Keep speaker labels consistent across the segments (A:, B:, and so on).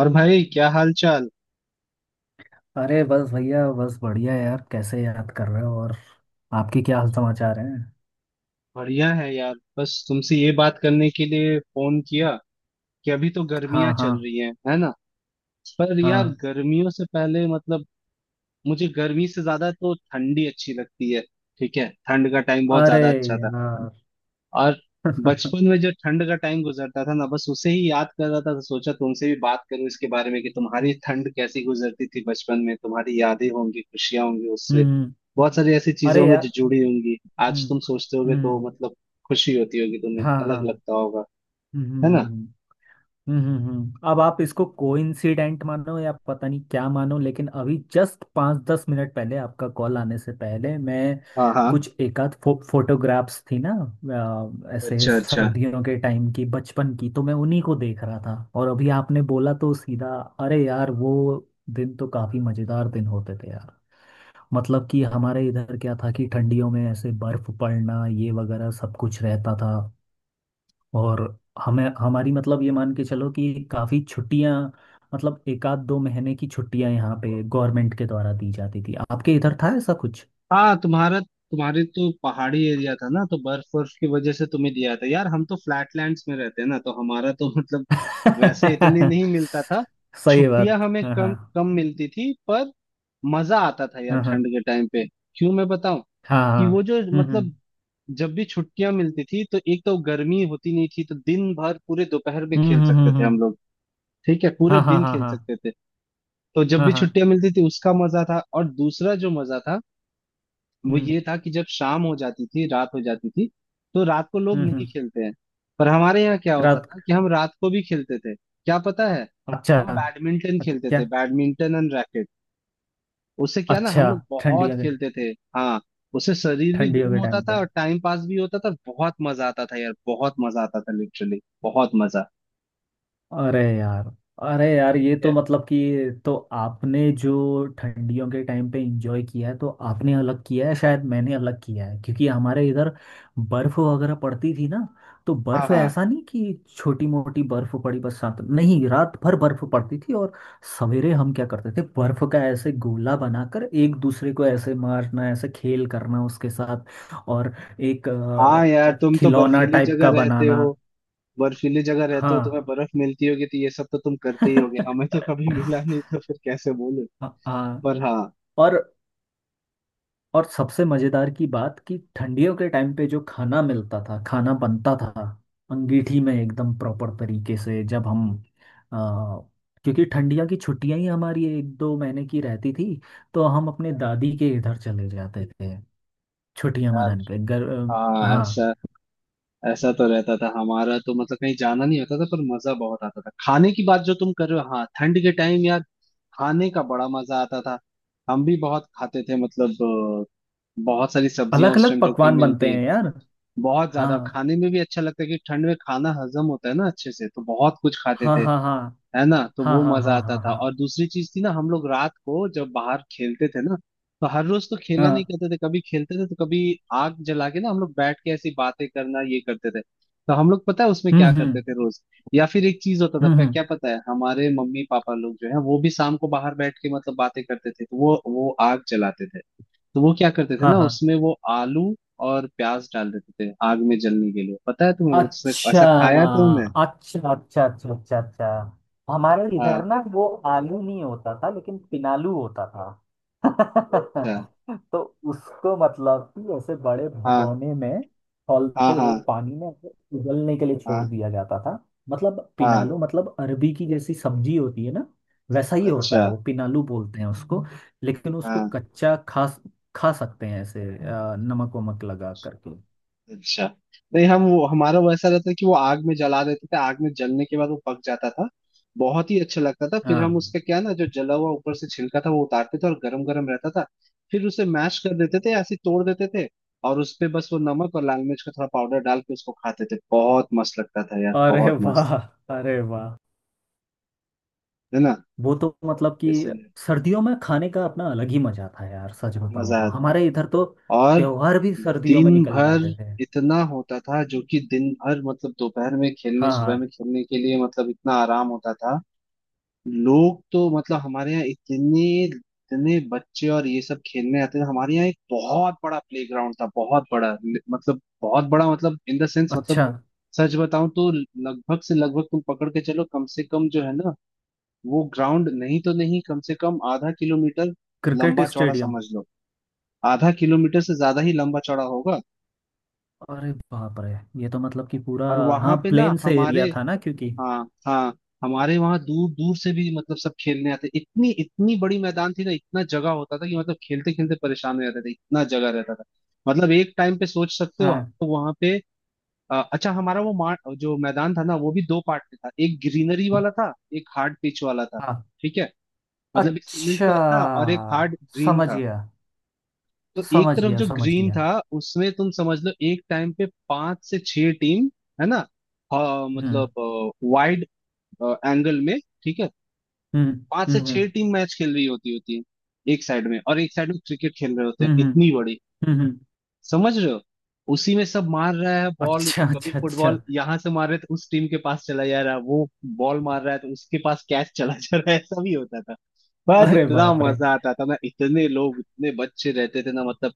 A: और भाई क्या हाल चाल।
B: अरे बस भैया बस बढ़िया यार, कैसे याद कर रहे हो? और आपके क्या हाल समाचार हैं।
A: बढ़िया है यार, बस तुमसे ये बात करने के लिए फोन किया कि अभी तो गर्मियां
B: हाँ हाँ
A: चल रही हैं, है ना। पर यार
B: हाँ।
A: गर्मियों से पहले मुझे गर्मी से ज्यादा तो ठंडी अच्छी लगती है। ठीक है, ठंड का टाइम बहुत
B: अरे
A: ज्यादा अच्छा था।
B: यार
A: और बचपन में जो ठंड का टाइम गुजरता था ना, बस उसे ही याद कर रहा था, तो सोचा तुमसे भी बात करूं इसके बारे में कि तुम्हारी ठंड कैसी गुजरती थी बचपन में, तुम्हारी यादें होंगी, खुशियां होंगी उससे,
B: हम्म।
A: बहुत सारी ऐसी चीजें
B: अरे
A: होंगी
B: यार।
A: जो जुड़ी होंगी। आज
B: हम्म
A: तुम सोचते होगे तो
B: हम्म।
A: खुशी होती होगी तुम्हें,
B: हाँ हाँ।
A: अलग लगता होगा,
B: हम्म हम्म,
A: है
B: हम्म,
A: ना।
B: हम्म। अब आप इसको कोइंसिडेंट मानो या पता नहीं क्या मानो, लेकिन अभी जस्ट 5 10 मिनट पहले आपका कॉल आने से पहले मैं
A: हाँ हाँ।
B: कुछ एकाध फोटोग्राफ्स थी ना, ऐसे
A: अच्छा अच्छा।
B: सर्दियों के टाइम की बचपन की, तो मैं उन्हीं को देख रहा था, और अभी आपने बोला तो सीधा अरे यार वो दिन तो काफी मजेदार दिन होते थे यार। मतलब कि हमारे इधर क्या था कि ठंडियों में ऐसे बर्फ पड़ना ये वगैरह सब कुछ रहता था, और हमें हमारी मतलब ये मान के चलो कि काफ़ी छुट्टियां, मतलब 1 आध 2 महीने की छुट्टियां यहाँ पे गवर्नमेंट के द्वारा दी जाती थी। आपके इधर था ऐसा कुछ?
A: हाँ, तुम्हारा तुम्हारे तो पहाड़ी एरिया था ना, तो बर्फ बर्फ की वजह से तुम्हें दिया था यार। हम तो फ्लैटलैंड्स में रहते हैं ना, तो हमारा तो मतलब वैसे इतने नहीं मिलता था।
B: सही बात,
A: छुट्टियां हमें
B: हाँ
A: कम
B: हाँ।
A: कम मिलती थी, पर मजा आता था यार
B: हाँ हाँ
A: ठंड के टाइम पे। क्यों मैं बताऊं
B: हाँ
A: कि
B: हाँ,
A: वो जो
B: हम्म हम्म
A: जब भी छुट्टियां मिलती थी, तो एक तो गर्मी होती नहीं थी, तो दिन भर पूरे दोपहर में
B: हम्म
A: खेल
B: हम्म
A: सकते
B: हम्म,
A: थे हम
B: हम्म,
A: लोग। ठीक है, पूरे
B: हाँ हाँ
A: दिन
B: हाँ
A: खेल
B: हाँ
A: सकते थे। तो जब
B: हाँ
A: भी
B: हाँ।
A: छुट्टियां मिलती थी उसका मजा था, और दूसरा जो मजा था वो
B: हम्म
A: ये था कि जब शाम हो जाती थी, रात हो जाती थी, तो रात को लोग
B: हम्म
A: नहीं
B: हम्म,
A: खेलते हैं, पर हमारे यहाँ क्या होता
B: रात,
A: था कि हम रात को भी खेलते थे, क्या पता है।
B: अच्छा।
A: हम बैडमिंटन खेलते थे,
B: अच्छा
A: बैडमिंटन एंड रैकेट। उससे क्या ना
B: अच्छा
A: हम लोग बहुत
B: ठंडियों के,
A: खेलते थे। हाँ, उससे शरीर भी
B: ठंडियों
A: गर्म
B: के
A: होता
B: टाइम
A: था
B: पे,
A: और टाइम पास भी होता था, बहुत मजा आता था यार, बहुत मजा आता था, लिटरली बहुत मजा।
B: अरे यार, अरे यार,
A: ठीक
B: ये तो
A: है।
B: मतलब कि तो आपने जो ठंडियों के टाइम पे एंजॉय किया है तो आपने अलग किया है, शायद मैंने अलग किया है क्योंकि हमारे इधर बर्फ वगैरह पड़ती थी ना। तो
A: हाँ
B: बर्फ
A: हाँ।
B: ऐसा नहीं कि छोटी मोटी बर्फ पड़ी, बस साथ नहीं रात भर बर्फ पड़ती थी, और सवेरे हम क्या करते थे, बर्फ का ऐसे गोला बनाकर एक दूसरे को ऐसे मारना, ऐसे खेल करना उसके साथ, और एक
A: हाँ यार, तुम तो
B: खिलौना
A: बर्फीली
B: टाइप
A: जगह
B: का
A: रहते
B: बनाना।
A: हो, बर्फीली जगह रहते हो,
B: हाँ
A: तुम्हें बर्फ मिलती होगी, तो ये सब तो तुम करते ही होगे, हमें तो कभी मिला नहीं, तो फिर कैसे बोलूं।
B: हाँ हाँ,
A: पर हाँ
B: और और सबसे मजेदार की बात कि ठंडियों के टाइम पे जो खाना मिलता था, खाना बनता था अंगीठी में एकदम प्रॉपर तरीके से, जब हम आ, क्योंकि ठंडिया की छुट्टियां ही हमारी 1 2 महीने की रहती थी, तो हम अपने दादी के इधर चले जाते थे छुट्टियां
A: यार।
B: मनाने के घर।
A: हाँ
B: हाँ।
A: ऐसा, ऐसा तो रहता था हमारा तो, कहीं जाना नहीं होता था, पर मजा बहुत आता था। खाने की बात जो तुम कर रहे हो, हाँ ठंड के टाइम यार, खाने का बड़ा मजा आता था, हम भी बहुत खाते थे। अ, बहुत सारी सब्जियां
B: अलग
A: उस
B: अलग
A: टाइम जो कि
B: पकवान बनते
A: मिलती हैं,
B: हैं यार।
A: बहुत ज्यादा
B: हाँ
A: खाने में भी अच्छा लगता है कि ठंड में खाना हजम होता है ना अच्छे से, तो बहुत कुछ खाते थे।
B: हाँ हाँ हाँ
A: है ना, तो
B: हाँ
A: वो
B: हाँ
A: मजा
B: हाँ
A: आता
B: हाँ
A: था।
B: हाँ
A: और दूसरी चीज थी ना, हम लोग रात को जब बाहर खेलते थे ना, तो हर रोज तो खेला नहीं
B: हाँ।
A: करते थे, कभी खेलते थे तो कभी आग जला के ना हम लोग बैठ के ऐसी बातें करना ये करते थे। तो हम लोग पता है उसमें
B: हम्म
A: क्या करते
B: हम्म
A: थे रोज, या फिर एक चीज होता था
B: हम्म हम्म,
A: क्या पता है, हमारे मम्मी पापा लोग जो है वो भी शाम को बाहर बैठ के बातें करते थे, तो वो आग जलाते थे, तो वो क्या करते थे
B: हाँ
A: ना
B: हाँ।
A: उसमें, वो आलू और प्याज डाल देते थे आग में जलने के लिए। पता है तुम्हें वो,
B: अच्छा
A: ऐसा खाया है तुमने।
B: अच्छा अच्छा अच्छा अच्छा अच्छा। हमारे इधर
A: हाँ
B: ना वो आलू नहीं होता था, लेकिन पिनालू होता था
A: अच्छा।
B: तो उसको मतलब कि ऐसे बड़े
A: हाँ
B: भगोने में खौलते
A: हाँ
B: हुए
A: हाँ
B: पानी में ऐसे उबलने के लिए छोड़
A: हाँ
B: दिया जाता था। मतलब
A: हाँ।
B: पिनालू मतलब अरबी की जैसी सब्जी होती है ना, वैसा ही होता
A: अच्छा
B: है वो, पिनालू बोलते हैं उसको। लेकिन उसको
A: हाँ
B: कच्चा खा, खा सकते हैं ऐसे नमक वमक लगा करके।
A: अच्छा, नहीं हम वो हमारा वैसा रहता है कि वो आग में जला देते थे, आग में जलने के बाद वो पक जाता था, बहुत ही अच्छा लगता था, फिर हम
B: हाँ।
A: उसका क्या ना जो जला हुआ ऊपर से छिलका था वो उतारते थे, और गरम गरम रहता था, फिर उसे मैश कर देते थे, ऐसे ही तोड़ देते थे, और उस पे बस वो नमक और लाल मिर्च का थोड़ा पाउडर डाल के उसको खाते थे। बहुत मस्त लगता था यार,
B: अरे
A: बहुत मस्त,
B: वाह, अरे वाह,
A: है ना।
B: वो तो मतलब कि
A: इसलिए
B: सर्दियों में खाने का अपना अलग ही मजा था यार। सच बताऊं
A: मजा
B: तो
A: आता है।
B: हमारे इधर तो
A: और
B: त्योहार भी सर्दियों में
A: दिन
B: निकल
A: भर
B: जाते थे।
A: इतना होता था, जो कि दिन भर दोपहर में खेलने,
B: हाँ
A: सुबह
B: हाँ।
A: में खेलने के लिए इतना आराम होता था। लोग तो हमारे यहाँ इतने इतने बच्चे और ये सब खेलने आते थे। हमारे यहाँ एक बहुत बड़ा प्ले ग्राउंड था, बहुत बड़ा मतलब बहुत बड़ा, मतलब इन द सेंस,
B: अच्छा,
A: सच बताऊं तो लगभग तुम पकड़ के चलो, कम से कम जो है ना, वो ग्राउंड नहीं तो नहीं, कम से कम आधा किलोमीटर
B: क्रिकेट
A: लंबा चौड़ा
B: स्टेडियम,
A: समझ लो, आधा किलोमीटर से ज्यादा ही लंबा चौड़ा होगा।
B: अरे बाप रे, ये तो मतलब कि पूरा,
A: और वहां
B: हाँ
A: पे ना
B: प्लेन से
A: हमारे,
B: एरिया था ना क्योंकि।
A: हाँ हाँ, हमारे वहां दूर दूर से भी सब खेलने आते, इतनी इतनी बड़ी मैदान थी ना, इतना जगह होता था कि खेलते खेलते परेशान हो जाते थे, इतना जगह रहता था, मतलब एक टाइम पे सोच सकते हो।
B: हाँ
A: तो वहां पे अच्छा हमारा वो जो मैदान था ना, वो भी दो पार्ट में था, एक ग्रीनरी वाला था, एक हार्ड पिच वाला था।
B: हाँ।
A: ठीक है, मतलब एक सीमेंट
B: अच्छा,
A: का था और एक हार्ड ग्रीन
B: समझ
A: था।
B: गया,
A: तो एक
B: समझ
A: तरफ
B: गया
A: जो
B: समझ
A: ग्रीन
B: गया।
A: था उसमें तुम समझ लो एक टाइम पे पांच से छह टीम, है ना, हाँ,
B: हम्म
A: मतलब वाइड एंगल में, ठीक है,
B: हम्म
A: पांच से
B: हम्म हम्म
A: छह टीम मैच खेल रही होती होती है एक साइड में, और एक साइड में क्रिकेट खेल रहे होते हैं
B: हम्म
A: इतनी
B: हम्म,
A: बड़ी,
B: हम्म।
A: समझ रहे हो, उसी में सब मार रहा है बॉल,
B: अच्छा
A: कभी
B: अच्छा अच्छा,
A: फुटबॉल यहाँ से मार रहे तो उस टीम के पास चला जा रहा है, वो बॉल मार रहा है तो उसके पास कैच चला जा रहा है, ऐसा भी होता था। पर
B: अरे
A: इतना
B: बाप रे,
A: मजा आता था ना, इतने लोग इतने बच्चे रहते थे ना, मतलब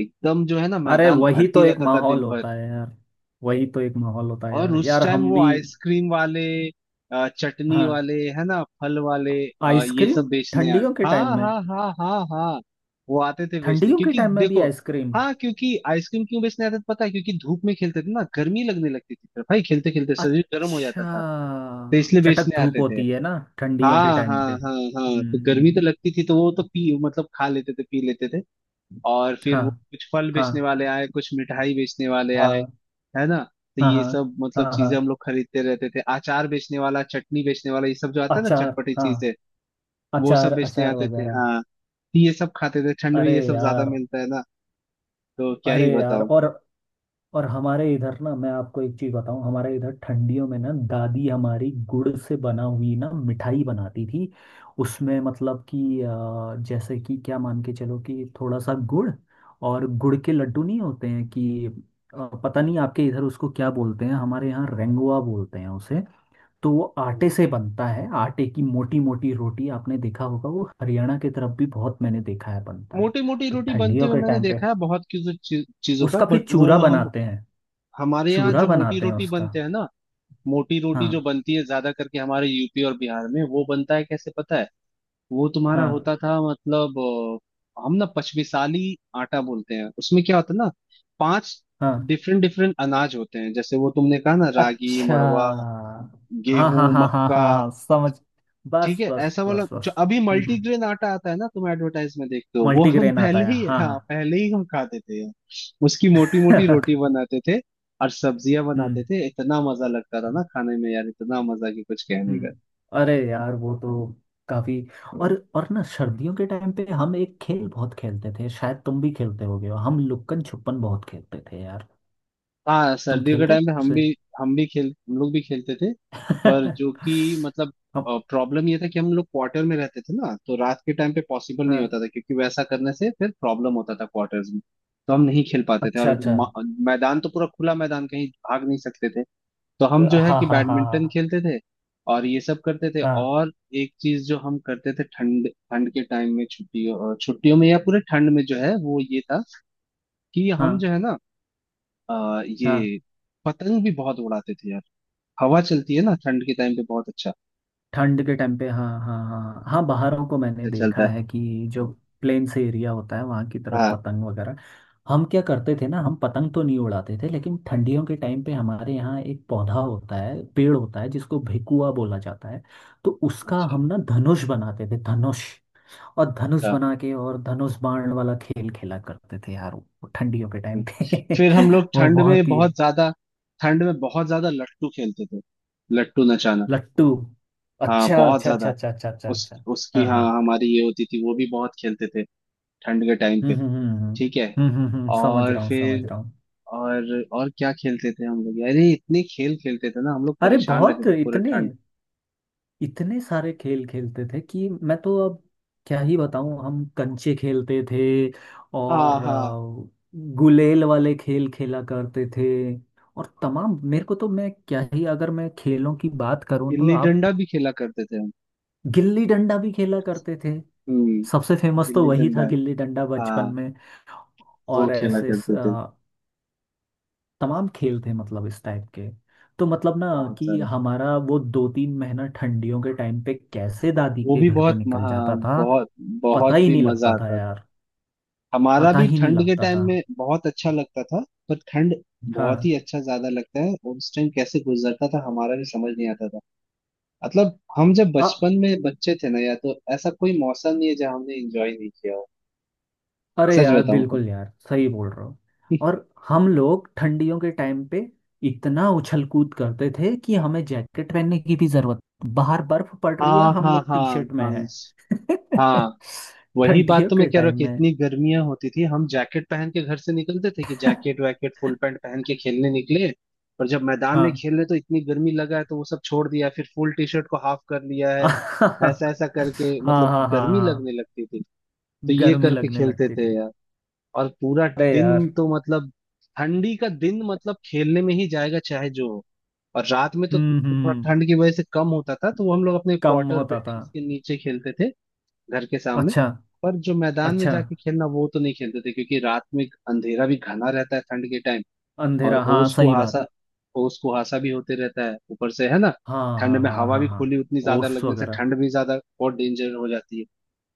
A: एकदम जो है ना
B: अरे
A: मैदान
B: वही तो
A: भरती
B: एक
A: रहता था
B: माहौल
A: दिन भर।
B: होता है यार, वही तो एक माहौल होता है
A: और
B: यार,
A: उस
B: यार
A: टाइम
B: हम
A: वो
B: भी।
A: आइसक्रीम वाले, चटनी
B: हाँ,
A: वाले है ना, फल वाले, ये
B: आइसक्रीम,
A: सब बेचने यार।
B: ठंडियों के टाइम
A: हाँ
B: में,
A: हाँ हाँ हाँ हाँ, वो आते थे बेचने,
B: ठंडियों के
A: क्योंकि
B: टाइम में भी
A: देखो,
B: आइसक्रीम?
A: हाँ क्योंकि आइसक्रीम क्यों बेचने आते थे पता है, क्योंकि धूप में खेलते थे ना, गर्मी लगने लगती थी, फिर भाई खेलते खेलते शरीर गर्म हो
B: अच्छा
A: जाता था, तो इसलिए
B: चटक
A: बेचने
B: धूप
A: आते थे।
B: होती है ना ठंडियों के
A: हाँ
B: टाइम
A: हाँ
B: पे,
A: हाँ हाँ, तो गर्मी तो
B: हम्म।
A: लगती थी तो वो तो पी खा लेते थे, पी लेते थे। और फिर
B: हाँ
A: वो कुछ फल बेचने
B: हाँ
A: वाले आए, कुछ मिठाई बेचने वाले आए,
B: हाँ
A: है ना, तो
B: हाँ
A: ये
B: हाँ
A: सब
B: हाँ
A: चीजें
B: हाँ,
A: हम लोग खरीदते रहते थे, अचार बेचने वाला, चटनी बेचने वाला, ये सब जो आता है ना,
B: अचार,
A: चटपटी
B: हाँ,
A: चीजें, वो
B: अचार
A: सब बेचने
B: अचार
A: आते थे।
B: वगैरह।
A: हाँ, तो ये सब खाते थे ठंड में,
B: अरे
A: ये सब ज्यादा
B: यार,
A: मिलता है ना, तो क्या ही
B: अरे यार,
A: बताऊं।
B: और हमारे इधर ना मैं आपको एक चीज बताऊं, हमारे इधर ठंडियों में ना दादी हमारी गुड़ से बना हुई ना मिठाई बनाती थी। उसमें मतलब कि जैसे कि क्या मान के चलो कि थोड़ा सा गुड़, और गुड़ के लड्डू नहीं होते हैं कि पता नहीं आपके इधर उसको क्या बोलते हैं, हमारे यहाँ रेंगुआ बोलते हैं उसे। तो वो आटे से बनता है, आटे की मोटी मोटी रोटी आपने देखा होगा, वो हरियाणा की तरफ भी बहुत मैंने देखा है बनता है।
A: मोटी मोटी
B: तो
A: रोटी बनते
B: ठंडियों
A: हुए
B: के
A: मैंने
B: टाइम पे
A: देखा है बहुत किसी चीजों का,
B: उसका
A: बट
B: फिर
A: वो
B: चूरा
A: हम
B: बनाते हैं,
A: हमारे यहाँ
B: चूरा
A: जो मोटी
B: बनाते हैं
A: रोटी
B: उसका।
A: बनते हैं ना, मोटी रोटी जो
B: हाँ
A: बनती है ज्यादा करके हमारे यूपी और बिहार में, वो बनता है कैसे पता है, वो तुम्हारा
B: हाँ
A: होता था मतलब, हम ना पचमिसाली आटा बोलते हैं, उसमें क्या होता है ना, पांच
B: हाँ।
A: डिफरेंट डिफरेंट अनाज होते हैं, जैसे वो तुमने कहा ना रागी
B: अच्छा।
A: मड़वा,
B: हाँ
A: गेहूं
B: हाँ हाँ हाँ
A: मक्का,
B: हाँ हाँ, समझ,
A: ठीक
B: बस
A: है,
B: बस
A: ऐसा वाला
B: बस
A: जो
B: बस।
A: अभी
B: हम्म हम्म।
A: मल्टीग्रेन आटा आता है ना, तुम एडवर्टाइज में देखते हो, वो हम
B: मल्टीग्रेन आता
A: पहले
B: है,
A: ही,
B: हाँ
A: हाँ
B: हाँ
A: पहले ही हम खाते थे यार, उसकी मोटी मोटी रोटी बनाते थे और सब्जियां बनाते
B: हम्म
A: थे, इतना मजा लगता था ना खाने में यार, इतना मजा कि कुछ कहने का।
B: हम्म। अरे यार वो तो काफी, और ना सर्दियों के टाइम पे हम एक खेल बहुत खेलते थे, शायद तुम भी खेलते होगे, हम लुक्कन छुपन बहुत खेलते थे यार।
A: हाँ
B: तुम
A: सर्दियों के
B: खेलते थे
A: टाइम पे हम
B: उसे?
A: भी, हम भी खेल, हम लोग भी खेलते थे, पर जो कि मतलब
B: हम-
A: प्रॉब्लम ये था कि हम लोग क्वार्टर में रहते थे ना, तो रात के टाइम पे पॉसिबल नहीं
B: हाँ,
A: होता था, क्योंकि वैसा करने से फिर प्रॉब्लम होता था क्वार्टर्स में, तो हम नहीं खेल पाते थे।
B: अच्छा
A: और
B: अच्छा।
A: मैदान तो पूरा खुला मैदान, कहीं भाग नहीं सकते थे, तो हम जो है
B: हाँ हाँ
A: कि
B: हाँ
A: बैडमिंटन
B: हाँ
A: खेलते थे और ये सब करते थे।
B: हाँ
A: और एक चीज जो हम करते थे ठंड ठंड के टाइम में, छुट्टियों छुट्टियों में, या पूरे ठंड में जो है वो ये था कि हम जो
B: हाँ
A: है ना
B: हाँ।
A: ये पतंग भी बहुत उड़ाते थे यार, हवा चलती है ना ठंड के टाइम पे, बहुत अच्छा
B: ठंड के टाइम पे, हाँ हाँ हाँ हाँ हाँ, बाहरों को मैंने
A: चलता
B: देखा
A: है।
B: है कि जो प्लेन से एरिया होता है वहाँ की तरफ
A: हाँ
B: पतंग वगैरह। हम क्या करते थे ना, हम पतंग तो नहीं उड़ाते थे, लेकिन ठंडियों के टाइम पे हमारे यहाँ एक पौधा होता है, पेड़ होता है जिसको भेकुआ बोला जाता है। तो उसका
A: अच्छा
B: हम ना धनुष बनाते थे, धनुष, और धनुष
A: अच्छा,
B: बना के और धनुष बाण वाला खेल खेला करते थे यार वो ठंडियों के
A: हम्म।
B: टाइम पे।
A: फिर हम लोग
B: वो
A: ठंड में
B: बहुत ही है,
A: बहुत ज्यादा, ठंड में बहुत ज्यादा लट्टू खेलते थे, लट्टू नचाना,
B: लट्टू,
A: हाँ
B: अच्छा
A: बहुत
B: अच्छा अच्छा
A: ज्यादा,
B: अच्छा अच्छा अच्छा
A: उस
B: अच्छा।
A: उसकी
B: हाँ
A: हाँ
B: हाँ।
A: हमारी ये होती थी, वो भी बहुत खेलते थे ठंड के टाइम
B: हम्म
A: पे,
B: हम्म हम्म हम्म
A: ठीक है।
B: समझ
A: और
B: रहा हूँ, समझ
A: फिर,
B: रहा हूँ।
A: और और क्या खेलते थे हम लोग, अरे इतने खेल खेलते थे ना हम लोग,
B: अरे
A: परेशान रहते
B: बहुत,
A: थे पूरे
B: इतने,
A: ठंड।
B: इतने सारे खेल खेलते थे कि मैं तो अब क्या ही बताऊँ, हम कंचे खेलते थे,
A: हाँ
B: और
A: हाँ
B: गुलेल वाले खेल खेला करते थे, और तमाम, मेरे को तो मैं क्या ही, अगर मैं खेलों की बात करूँ तो
A: गिल्ली
B: आप,
A: डंडा भी खेला करते थे,
B: गिल्ली डंडा भी खेला करते थे,
A: हम
B: सबसे फेमस तो
A: गिल्ली
B: वही था
A: डंडा
B: गिल्ली डंडा बचपन
A: हाँ,
B: में,
A: वो
B: और
A: खेला
B: ऐसे
A: करते थे,
B: तमाम खेल थे मतलब इस टाइप के, तो मतलब ना
A: बहुत
B: कि
A: सारे।
B: हमारा वो 2 3 महीना ठंडियों के टाइम पे कैसे दादी
A: वो
B: के
A: भी
B: घर पे
A: बहुत
B: निकल
A: महा,
B: जाता था
A: बहुत,
B: पता
A: बहुत
B: ही
A: भी
B: नहीं
A: मजा
B: लगता था
A: आता था।
B: यार,
A: हमारा
B: पता
A: भी
B: ही नहीं
A: ठंड के
B: लगता
A: टाइम
B: था।
A: में बहुत अच्छा लगता था, पर ठंड बहुत
B: हाँ,
A: ही अच्छा ज्यादा लगता है, और उस टाइम कैसे गुजरता था हमारा भी समझ नहीं आता था, मतलब हम जब
B: अ
A: बचपन में बच्चे थे ना, या तो ऐसा कोई मौसम नहीं है जहाँ हमने एंजॉय नहीं किया हो,
B: अरे
A: सच
B: यार
A: बताऊं तो
B: बिल्कुल यार सही बोल रहे हो। और हम लोग ठंडियों के टाइम पे इतना उछल कूद करते थे कि हमें जैकेट पहनने की भी जरूरत, बाहर बर्फ पड़ रही है,
A: हाँ
B: हम
A: हाँ
B: लोग
A: हाँ
B: टी शर्ट में
A: हाँ
B: हैं
A: हाँ, वही बात
B: ठंडियों
A: तो मैं
B: के
A: कह रहा हूँ,
B: टाइम
A: कि
B: में।
A: इतनी गर्मियां होती थी हम जैकेट पहन के घर से निकलते थे, कि जैकेट वैकेट फुल पैंट पहन के खेलने निकले, और जब मैदान में
B: हाँ
A: खेल रहे तो इतनी गर्मी लगा है तो वो सब छोड़ दिया, फिर फुल टी शर्ट को हाफ कर लिया है,
B: हाँ
A: ऐसा ऐसा करके
B: हाँ हाँ
A: गर्मी
B: हाँ
A: लगने लगती थी, तो ये
B: गर्मी
A: करके
B: लगने
A: खेलते
B: लगती
A: थे
B: थी।
A: यार। और पूरा
B: अरे
A: दिन,
B: यार।
A: तो ठंडी का दिन मतलब खेलने में ही जाएगा चाहे जो हो, और रात में तो
B: हम्म
A: थोड़ा
B: हम्म हम्म।
A: ठंड की वजह से कम होता था, तो वो हम लोग अपने
B: कम
A: क्वार्टर
B: होता था।
A: बिल्डिंग्स के नीचे खेलते थे, घर के सामने,
B: अच्छा,
A: पर जो मैदान में
B: अच्छा
A: जाके खेलना वो तो नहीं खेलते थे, क्योंकि रात में अंधेरा भी घना रहता है ठंड के टाइम, और
B: अंधेरा, हाँ
A: ओस
B: सही बात।
A: कुहासा, ओस कुहासा भी होते रहता है ऊपर से है ना,
B: हाँ
A: ठंड
B: हाँ
A: में
B: हाँ
A: हवा
B: हाँ
A: भी
B: हाँ
A: खुली उतनी ज्यादा
B: ओस
A: लगने से
B: वगैरह,
A: ठंड भी ज्यादा और डेंजर हो जाती है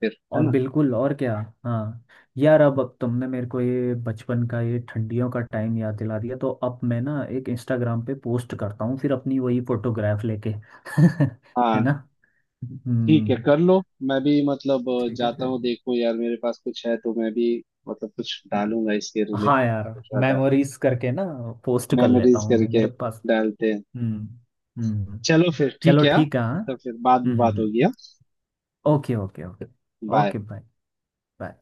A: फिर, है
B: और
A: ना।
B: बिल्कुल, और क्या। हाँ, यार अब तुमने मेरे को ये बचपन का ये ठंडियों का टाइम याद दिला दिया, तो अब मैं ना एक इंस्टाग्राम पे पोस्ट करता हूँ फिर अपनी वही फोटोग्राफ लेके है ना।
A: हाँ ठीक है
B: हम्म।
A: कर लो, मैं भी
B: ठीक
A: जाता
B: है।
A: हूँ, देखो यार मेरे पास कुछ है तो मैं भी कुछ डालूंगा, इसके
B: हाँ
A: रिलेटेड
B: यार,
A: सोच रहा था,
B: मेमोरीज करके ना पोस्ट कर लेता
A: मेमोरीज
B: हूँ, मैं
A: करके
B: मेरे पास।
A: डालते हैं।
B: हम्म हम्म हम्म।
A: चलो फिर ठीक
B: चलो
A: है हाँ?
B: ठीक है हाँ।
A: तो फिर बाद में
B: हम्म हम्म
A: बात
B: हम्म।
A: होगी, हाँ
B: okay okay okay.
A: Bye.
B: Okay bye, bye.